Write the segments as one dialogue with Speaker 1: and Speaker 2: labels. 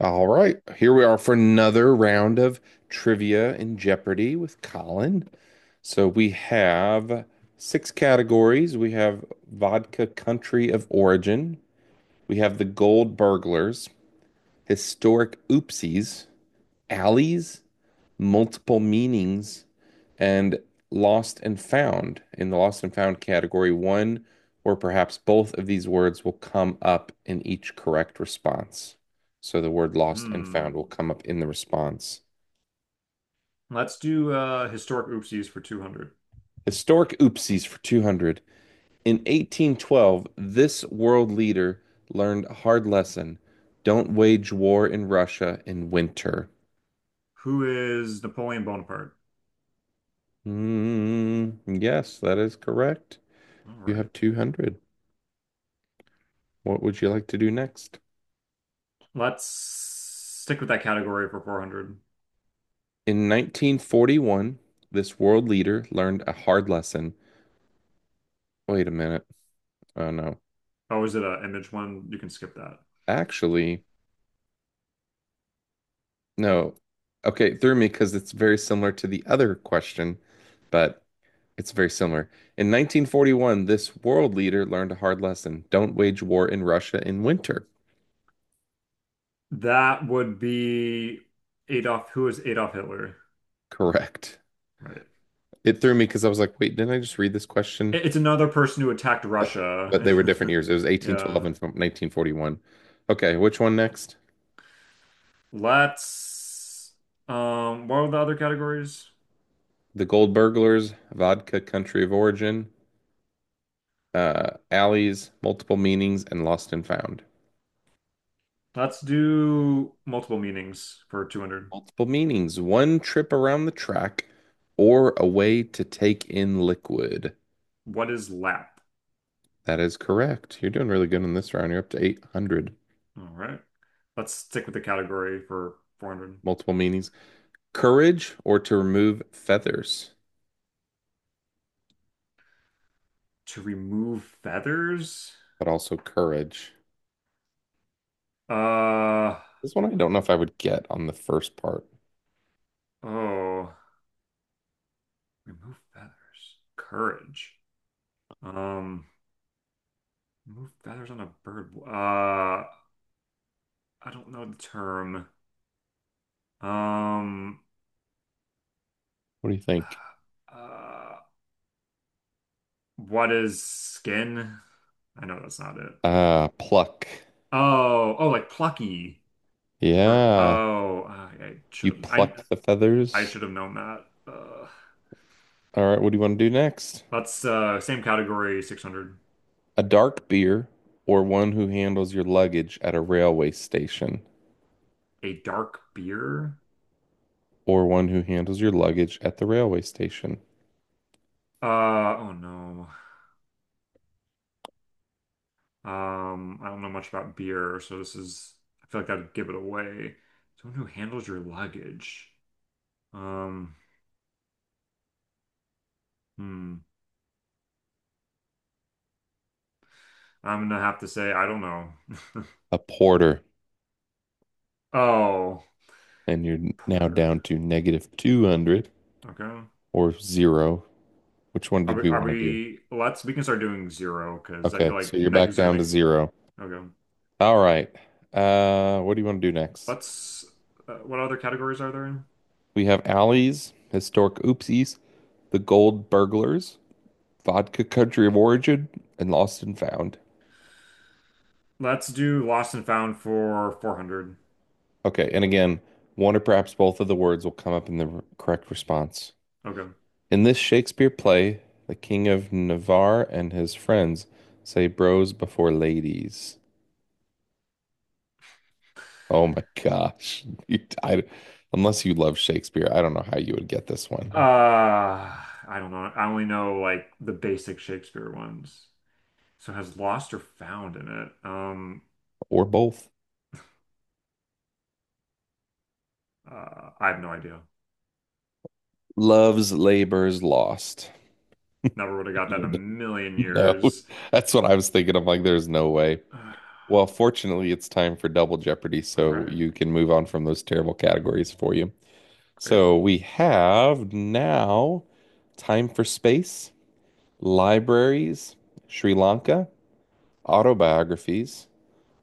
Speaker 1: All right, here we are for another round of trivia and Jeopardy with Colin. So we have six categories. We have vodka country of origin. We have the gold burglars, historic oopsies, alleys, multiple meanings and lost and found. In the lost and found category, one or perhaps both of these words will come up in each correct response. So the word lost and
Speaker 2: Hmm.
Speaker 1: found will come up in the response.
Speaker 2: Let's do historic oopsies for 200.
Speaker 1: Historic oopsies for 200. In 1812, this world leader learned a hard lesson. Don't wage war in Russia in winter.
Speaker 2: Who is Napoleon Bonaparte?
Speaker 1: Mm, yes, that is correct.
Speaker 2: All
Speaker 1: You
Speaker 2: right.
Speaker 1: have 200. What would you like to do next?
Speaker 2: Let's stick with that category for 400.
Speaker 1: In 1941, this world leader learned a hard lesson. Wait a minute. Oh no.
Speaker 2: Oh, is it an image one? You can skip that.
Speaker 1: Actually, no. Okay, it threw me because it's very similar to the other question, but it's very similar. In 1941, this world leader learned a hard lesson. Don't wage war in Russia in winter.
Speaker 2: That would be Adolf. Who is Adolf Hitler?
Speaker 1: Correct.
Speaker 2: Right.
Speaker 1: It threw me because I was like, wait, didn't I just read this question?
Speaker 2: It's another person who attacked
Speaker 1: But
Speaker 2: Russia.
Speaker 1: they were different years. It was 1812
Speaker 2: Yeah.
Speaker 1: and from 1941. Okay, which one next?
Speaker 2: Let's what are the other categories?
Speaker 1: The Gold Burglars, Vodka Country of Origin, alleys, multiple meanings, and lost and found.
Speaker 2: Let's do multiple meanings for 200.
Speaker 1: Multiple meanings, one trip around the track or a way to take in liquid.
Speaker 2: What is lap?
Speaker 1: That is correct. You're doing really good in this round. You're up to 800.
Speaker 2: All right. Let's stick with the category for 400.
Speaker 1: Multiple meanings. Courage or to remove feathers,
Speaker 2: To remove feathers?
Speaker 1: but also courage.
Speaker 2: Uh,
Speaker 1: This one I don't know if I would get on the first part.
Speaker 2: oh, remove feathers. Courage. Um, remove feathers on a bird. I don't know the term. Um,
Speaker 1: What do you think?
Speaker 2: uh, uh, what is skin? I know that's not it, but
Speaker 1: Pluck.
Speaker 2: oh, oh, like plucky. For
Speaker 1: Yeah.
Speaker 2: oh, I
Speaker 1: You
Speaker 2: should have.
Speaker 1: plucked the
Speaker 2: I
Speaker 1: feathers.
Speaker 2: should have known that.
Speaker 1: All right. What do you want to do next?
Speaker 2: That's same category, 600.
Speaker 1: A dark beer, or one who handles your luggage at a railway station,
Speaker 2: A dark beer?
Speaker 1: or one who handles your luggage at the railway station.
Speaker 2: Uh oh no. I don't know much about beer, so this is I feel like I'd give it away. Someone who handles your luggage. Um, hmm. I'm gonna have to say I don't know.
Speaker 1: A porter,
Speaker 2: Oh,
Speaker 1: and you're now
Speaker 2: porter.
Speaker 1: down to negative 200
Speaker 2: Okay.
Speaker 1: or zero. Which one
Speaker 2: Are
Speaker 1: did
Speaker 2: we,
Speaker 1: we
Speaker 2: are
Speaker 1: want to do?
Speaker 2: we let's we can start doing zero because I
Speaker 1: Okay,
Speaker 2: feel like
Speaker 1: so you're back
Speaker 2: negatives are
Speaker 1: down
Speaker 2: gonna
Speaker 1: to zero.
Speaker 2: okay.
Speaker 1: All right. What do you want to do next?
Speaker 2: Let's what other categories are there?
Speaker 1: We have alleys, historic oopsies, the gold burglars, vodka country of origin, and lost and found.
Speaker 2: Let's do lost and found for 400.
Speaker 1: Okay, and again, one or perhaps both of the words will come up in the correct response.
Speaker 2: Okay.
Speaker 1: In this Shakespeare play, the King of Navarre and his friends say bros before ladies. Oh my gosh. Unless you love Shakespeare, I don't know how you would get this one
Speaker 2: Uh, I don't know. I only know like the basic Shakespeare ones. So it has lost or found in it.
Speaker 1: or both.
Speaker 2: I have no idea.
Speaker 1: Love's Labor's Lost.
Speaker 2: Never would have got that in a million
Speaker 1: No,
Speaker 2: years.
Speaker 1: that's what I was thinking. I'm like, there's no way.
Speaker 2: Uh,
Speaker 1: Well, fortunately, it's time for Double Jeopardy,
Speaker 2: all
Speaker 1: so
Speaker 2: right,
Speaker 1: you can move on from those terrible categories for you.
Speaker 2: great.
Speaker 1: So we have now Time for Space, Libraries, Sri Lanka, Autobiographies,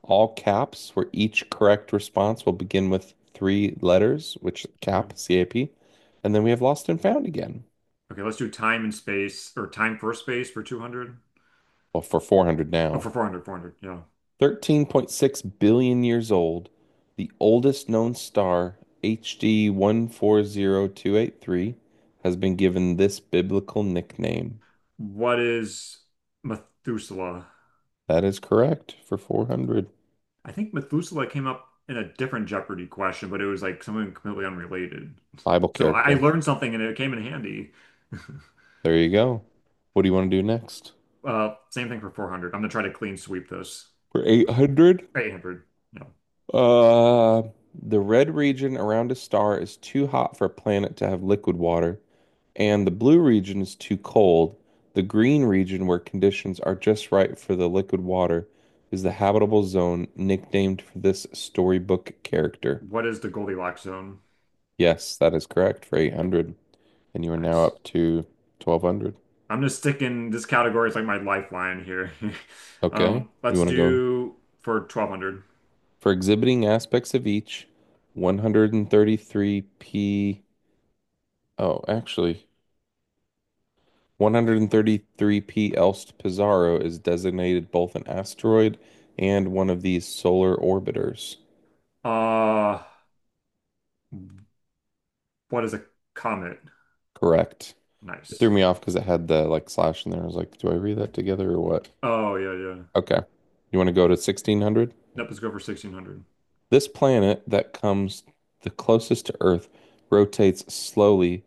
Speaker 1: all caps, where each correct response will begin with three letters, which
Speaker 2: Yeah.
Speaker 1: cap, CAP. And then we have Lost and Found again.
Speaker 2: Okay, let's do time and space or time for space for 200.
Speaker 1: Well, for 400
Speaker 2: Oh,
Speaker 1: now.
Speaker 2: for 400, 400. Yeah.
Speaker 1: 13.6 billion years old, the oldest known star, HD 140283, has been given this biblical nickname.
Speaker 2: What is Methuselah?
Speaker 1: That is correct for 400.
Speaker 2: I think Methuselah came up in a different Jeopardy question, but it was like something completely unrelated.
Speaker 1: Bible
Speaker 2: So I
Speaker 1: character.
Speaker 2: learned something and it came in handy.
Speaker 1: There you go. What do you want to do next?
Speaker 2: Same thing for 400. I'm gonna try to clean sweep those.
Speaker 1: For 800?
Speaker 2: 800. No.
Speaker 1: Uh, the red region around a star is too hot for a planet to have liquid water, and the blue region is too cold. The green region, where conditions are just right for the liquid water, is the habitable zone nicknamed for this storybook character.
Speaker 2: What is the Goldilocks zone?
Speaker 1: Yes, that is correct for 800. And you are now
Speaker 2: Nice.
Speaker 1: up to 1200.
Speaker 2: I'm just sticking this category. It's like my lifeline here.
Speaker 1: Okay. You
Speaker 2: Let's
Speaker 1: want to go?
Speaker 2: do for 1200.
Speaker 1: For exhibiting aspects of each, 133p. Oh, actually, 133p Elst Pizarro is designated both an asteroid and one of these solar orbiters.
Speaker 2: Uh, what is a comet?
Speaker 1: Correct. It threw
Speaker 2: Nice.
Speaker 1: me off because it had the like slash in there. I was like, do I read that together or what?
Speaker 2: Oh yeah, yeah.
Speaker 1: Okay. You want to go to 1600?
Speaker 2: Nope, let's go for 1600.
Speaker 1: This planet that comes the closest to Earth rotates slowly.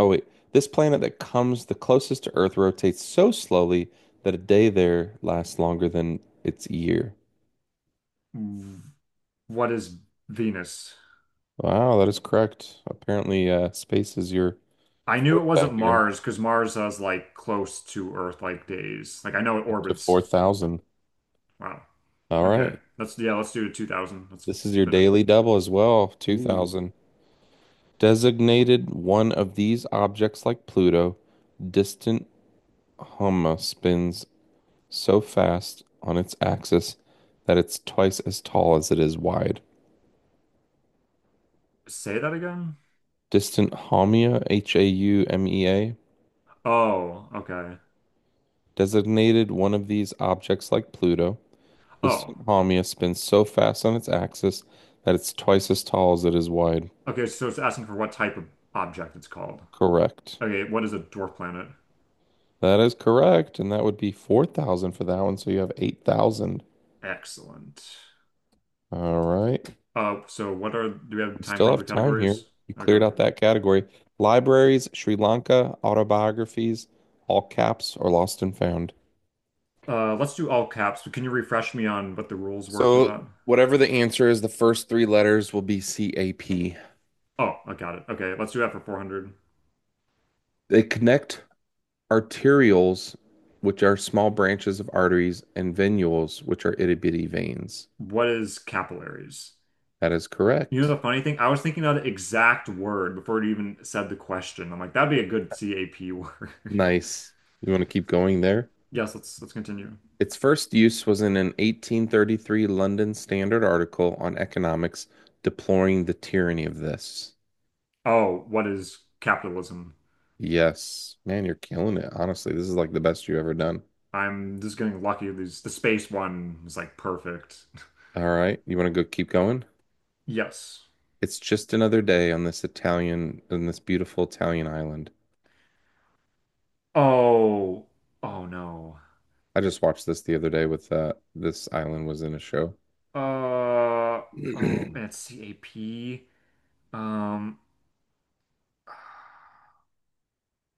Speaker 1: Oh, wait. This planet that comes the closest to Earth rotates so slowly that a day there lasts longer than its year.
Speaker 2: What is Venus?
Speaker 1: Wow, that is correct. Apparently, space is your
Speaker 2: I knew it
Speaker 1: fourth
Speaker 2: wasn't
Speaker 1: back here,
Speaker 2: Mars because Mars has like close to Earth like days. Like I know it
Speaker 1: up to
Speaker 2: orbits.
Speaker 1: 4,000.
Speaker 2: Wow.
Speaker 1: All
Speaker 2: Okay.
Speaker 1: right.
Speaker 2: Let's yeah, let's do 2000. Let's
Speaker 1: This is your
Speaker 2: finish.
Speaker 1: daily double as well,
Speaker 2: Ooh.
Speaker 1: 2,000. Designated one of these objects like Pluto, distant Homa spins so fast on its axis that it's twice as tall as it is wide.
Speaker 2: Say that again?
Speaker 1: Distant Haumea, Haumea,
Speaker 2: Oh, okay.
Speaker 1: designated one of these objects like Pluto.
Speaker 2: Oh.
Speaker 1: Distant Haumea spins so fast on its axis that it's twice as tall as it is wide.
Speaker 2: Okay, so it's asking for what type of object it's called.
Speaker 1: Correct.
Speaker 2: Okay, what is a dwarf planet?
Speaker 1: That is correct, and that would be 4,000 for that one, so you have 8,000.
Speaker 2: Excellent.
Speaker 1: All right.
Speaker 2: So what are do we have
Speaker 1: We
Speaker 2: time
Speaker 1: still
Speaker 2: for other
Speaker 1: have time here.
Speaker 2: categories?
Speaker 1: You
Speaker 2: Okay.
Speaker 1: cleared out that category. Libraries, Sri Lanka, autobiographies, all caps, or lost and found.
Speaker 2: Let's do all caps, but can you refresh me on what the rules were for that?
Speaker 1: So whatever the answer is, the first three letters will be CAP.
Speaker 2: Oh, I got it. Okay, let's do that for 400.
Speaker 1: They connect arterioles, which are small branches of arteries, and venules, which are itty bitty veins.
Speaker 2: What is capillaries?
Speaker 1: That is
Speaker 2: You know
Speaker 1: correct.
Speaker 2: the funny thing? I was thinking of the exact word before it even said the question. I'm like, that'd be a good CAP word.
Speaker 1: Nice. You want to keep going there?
Speaker 2: Yes, let's continue.
Speaker 1: Its first use was in an 1833 London Standard article on economics deploring the tyranny of this.
Speaker 2: Oh, what is capitalism?
Speaker 1: Yes. Man, you're killing it. Honestly, this is like the best you've ever done.
Speaker 2: I'm just getting lucky. The space one was like perfect.
Speaker 1: All right. You want to go keep going?
Speaker 2: Yes.
Speaker 1: It's just another day on this beautiful Italian island.
Speaker 2: Oh, oh no.
Speaker 1: I just watched this the other day with this island was in a show.
Speaker 2: Uh oh,
Speaker 1: You
Speaker 2: and it's CAP. Um,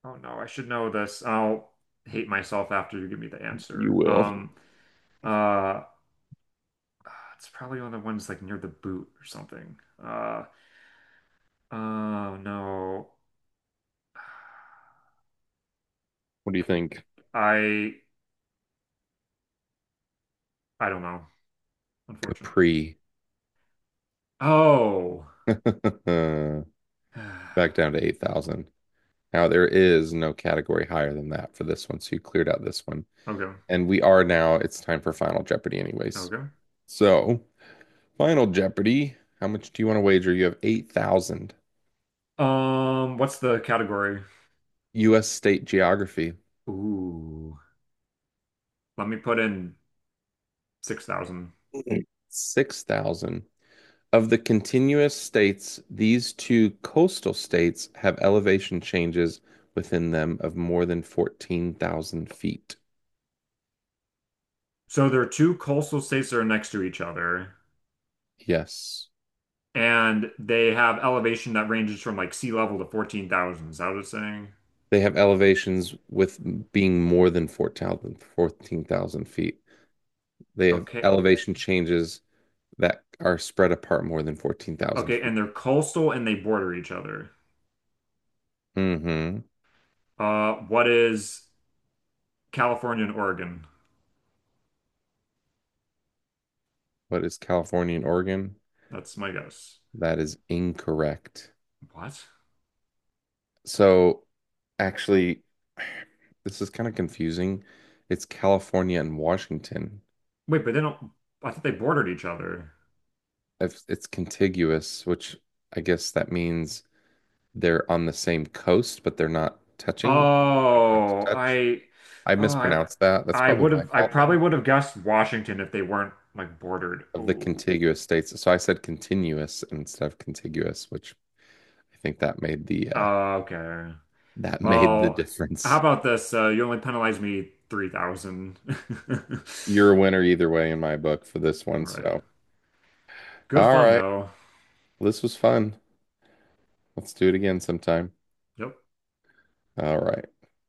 Speaker 2: oh no, I should know this. I'll hate myself after you give me the answer.
Speaker 1: will.
Speaker 2: Uh Uh, it's probably one of the ones like near the boot or something. Uh, oh no.
Speaker 1: What do you
Speaker 2: K-
Speaker 1: think?
Speaker 2: I I don't know, unfortunately.
Speaker 1: Capri.
Speaker 2: Oh.
Speaker 1: Back down to 8,000. Now there is no category higher than that for this one, so you cleared out this one.
Speaker 2: Okay.
Speaker 1: And we are now it's time for Final Jeopardy anyways.
Speaker 2: Okay.
Speaker 1: So, Final Jeopardy, how much do you want to wager? You have 8,000.
Speaker 2: What's the category?
Speaker 1: US state geography.
Speaker 2: Ooh. Let me put in 6,000.
Speaker 1: 6,000. Of the continuous states, these two coastal states have elevation changes within them of more than 14,000 feet.
Speaker 2: So there are two coastal states that are next to each other,
Speaker 1: Yes.
Speaker 2: and they have elevation that ranges from like sea level to 14,000. Is that what it's saying?
Speaker 1: They have elevations with being more than 14,000 feet. They have
Speaker 2: Okay.
Speaker 1: elevation changes that are spread apart more than 14,000
Speaker 2: Okay,
Speaker 1: feet.
Speaker 2: and they're coastal and they border each other.
Speaker 1: Mm-hmm.
Speaker 2: What is California and Oregon.
Speaker 1: What is California and Oregon?
Speaker 2: That's my guess.
Speaker 1: That is incorrect.
Speaker 2: What?
Speaker 1: So actually, this is kind of confusing. It's California and Washington.
Speaker 2: Wait, but they don't. I thought they bordered each other.
Speaker 1: If it's contiguous, which I guess that means they're on the same coast, but they're not touching. They don't have to
Speaker 2: Oh,
Speaker 1: touch.
Speaker 2: I,
Speaker 1: I
Speaker 2: oh,
Speaker 1: mispronounced that. That's
Speaker 2: I
Speaker 1: probably
Speaker 2: would
Speaker 1: my
Speaker 2: have. I
Speaker 1: fault
Speaker 2: probably
Speaker 1: then.
Speaker 2: would have guessed Washington if they weren't like bordered.
Speaker 1: Of the
Speaker 2: Ooh.
Speaker 1: contiguous states. So I said continuous instead of contiguous, which I think that made the uh,
Speaker 2: Oh, okay.
Speaker 1: that made the
Speaker 2: Well, how
Speaker 1: difference.
Speaker 2: about this? You only penalized me 3,000. All
Speaker 1: You're a winner either way in my book for this one.
Speaker 2: right.
Speaker 1: So,
Speaker 2: Good
Speaker 1: all
Speaker 2: fun
Speaker 1: right.
Speaker 2: though.
Speaker 1: This was fun. Let's do it again sometime.
Speaker 2: Yep.
Speaker 1: All right.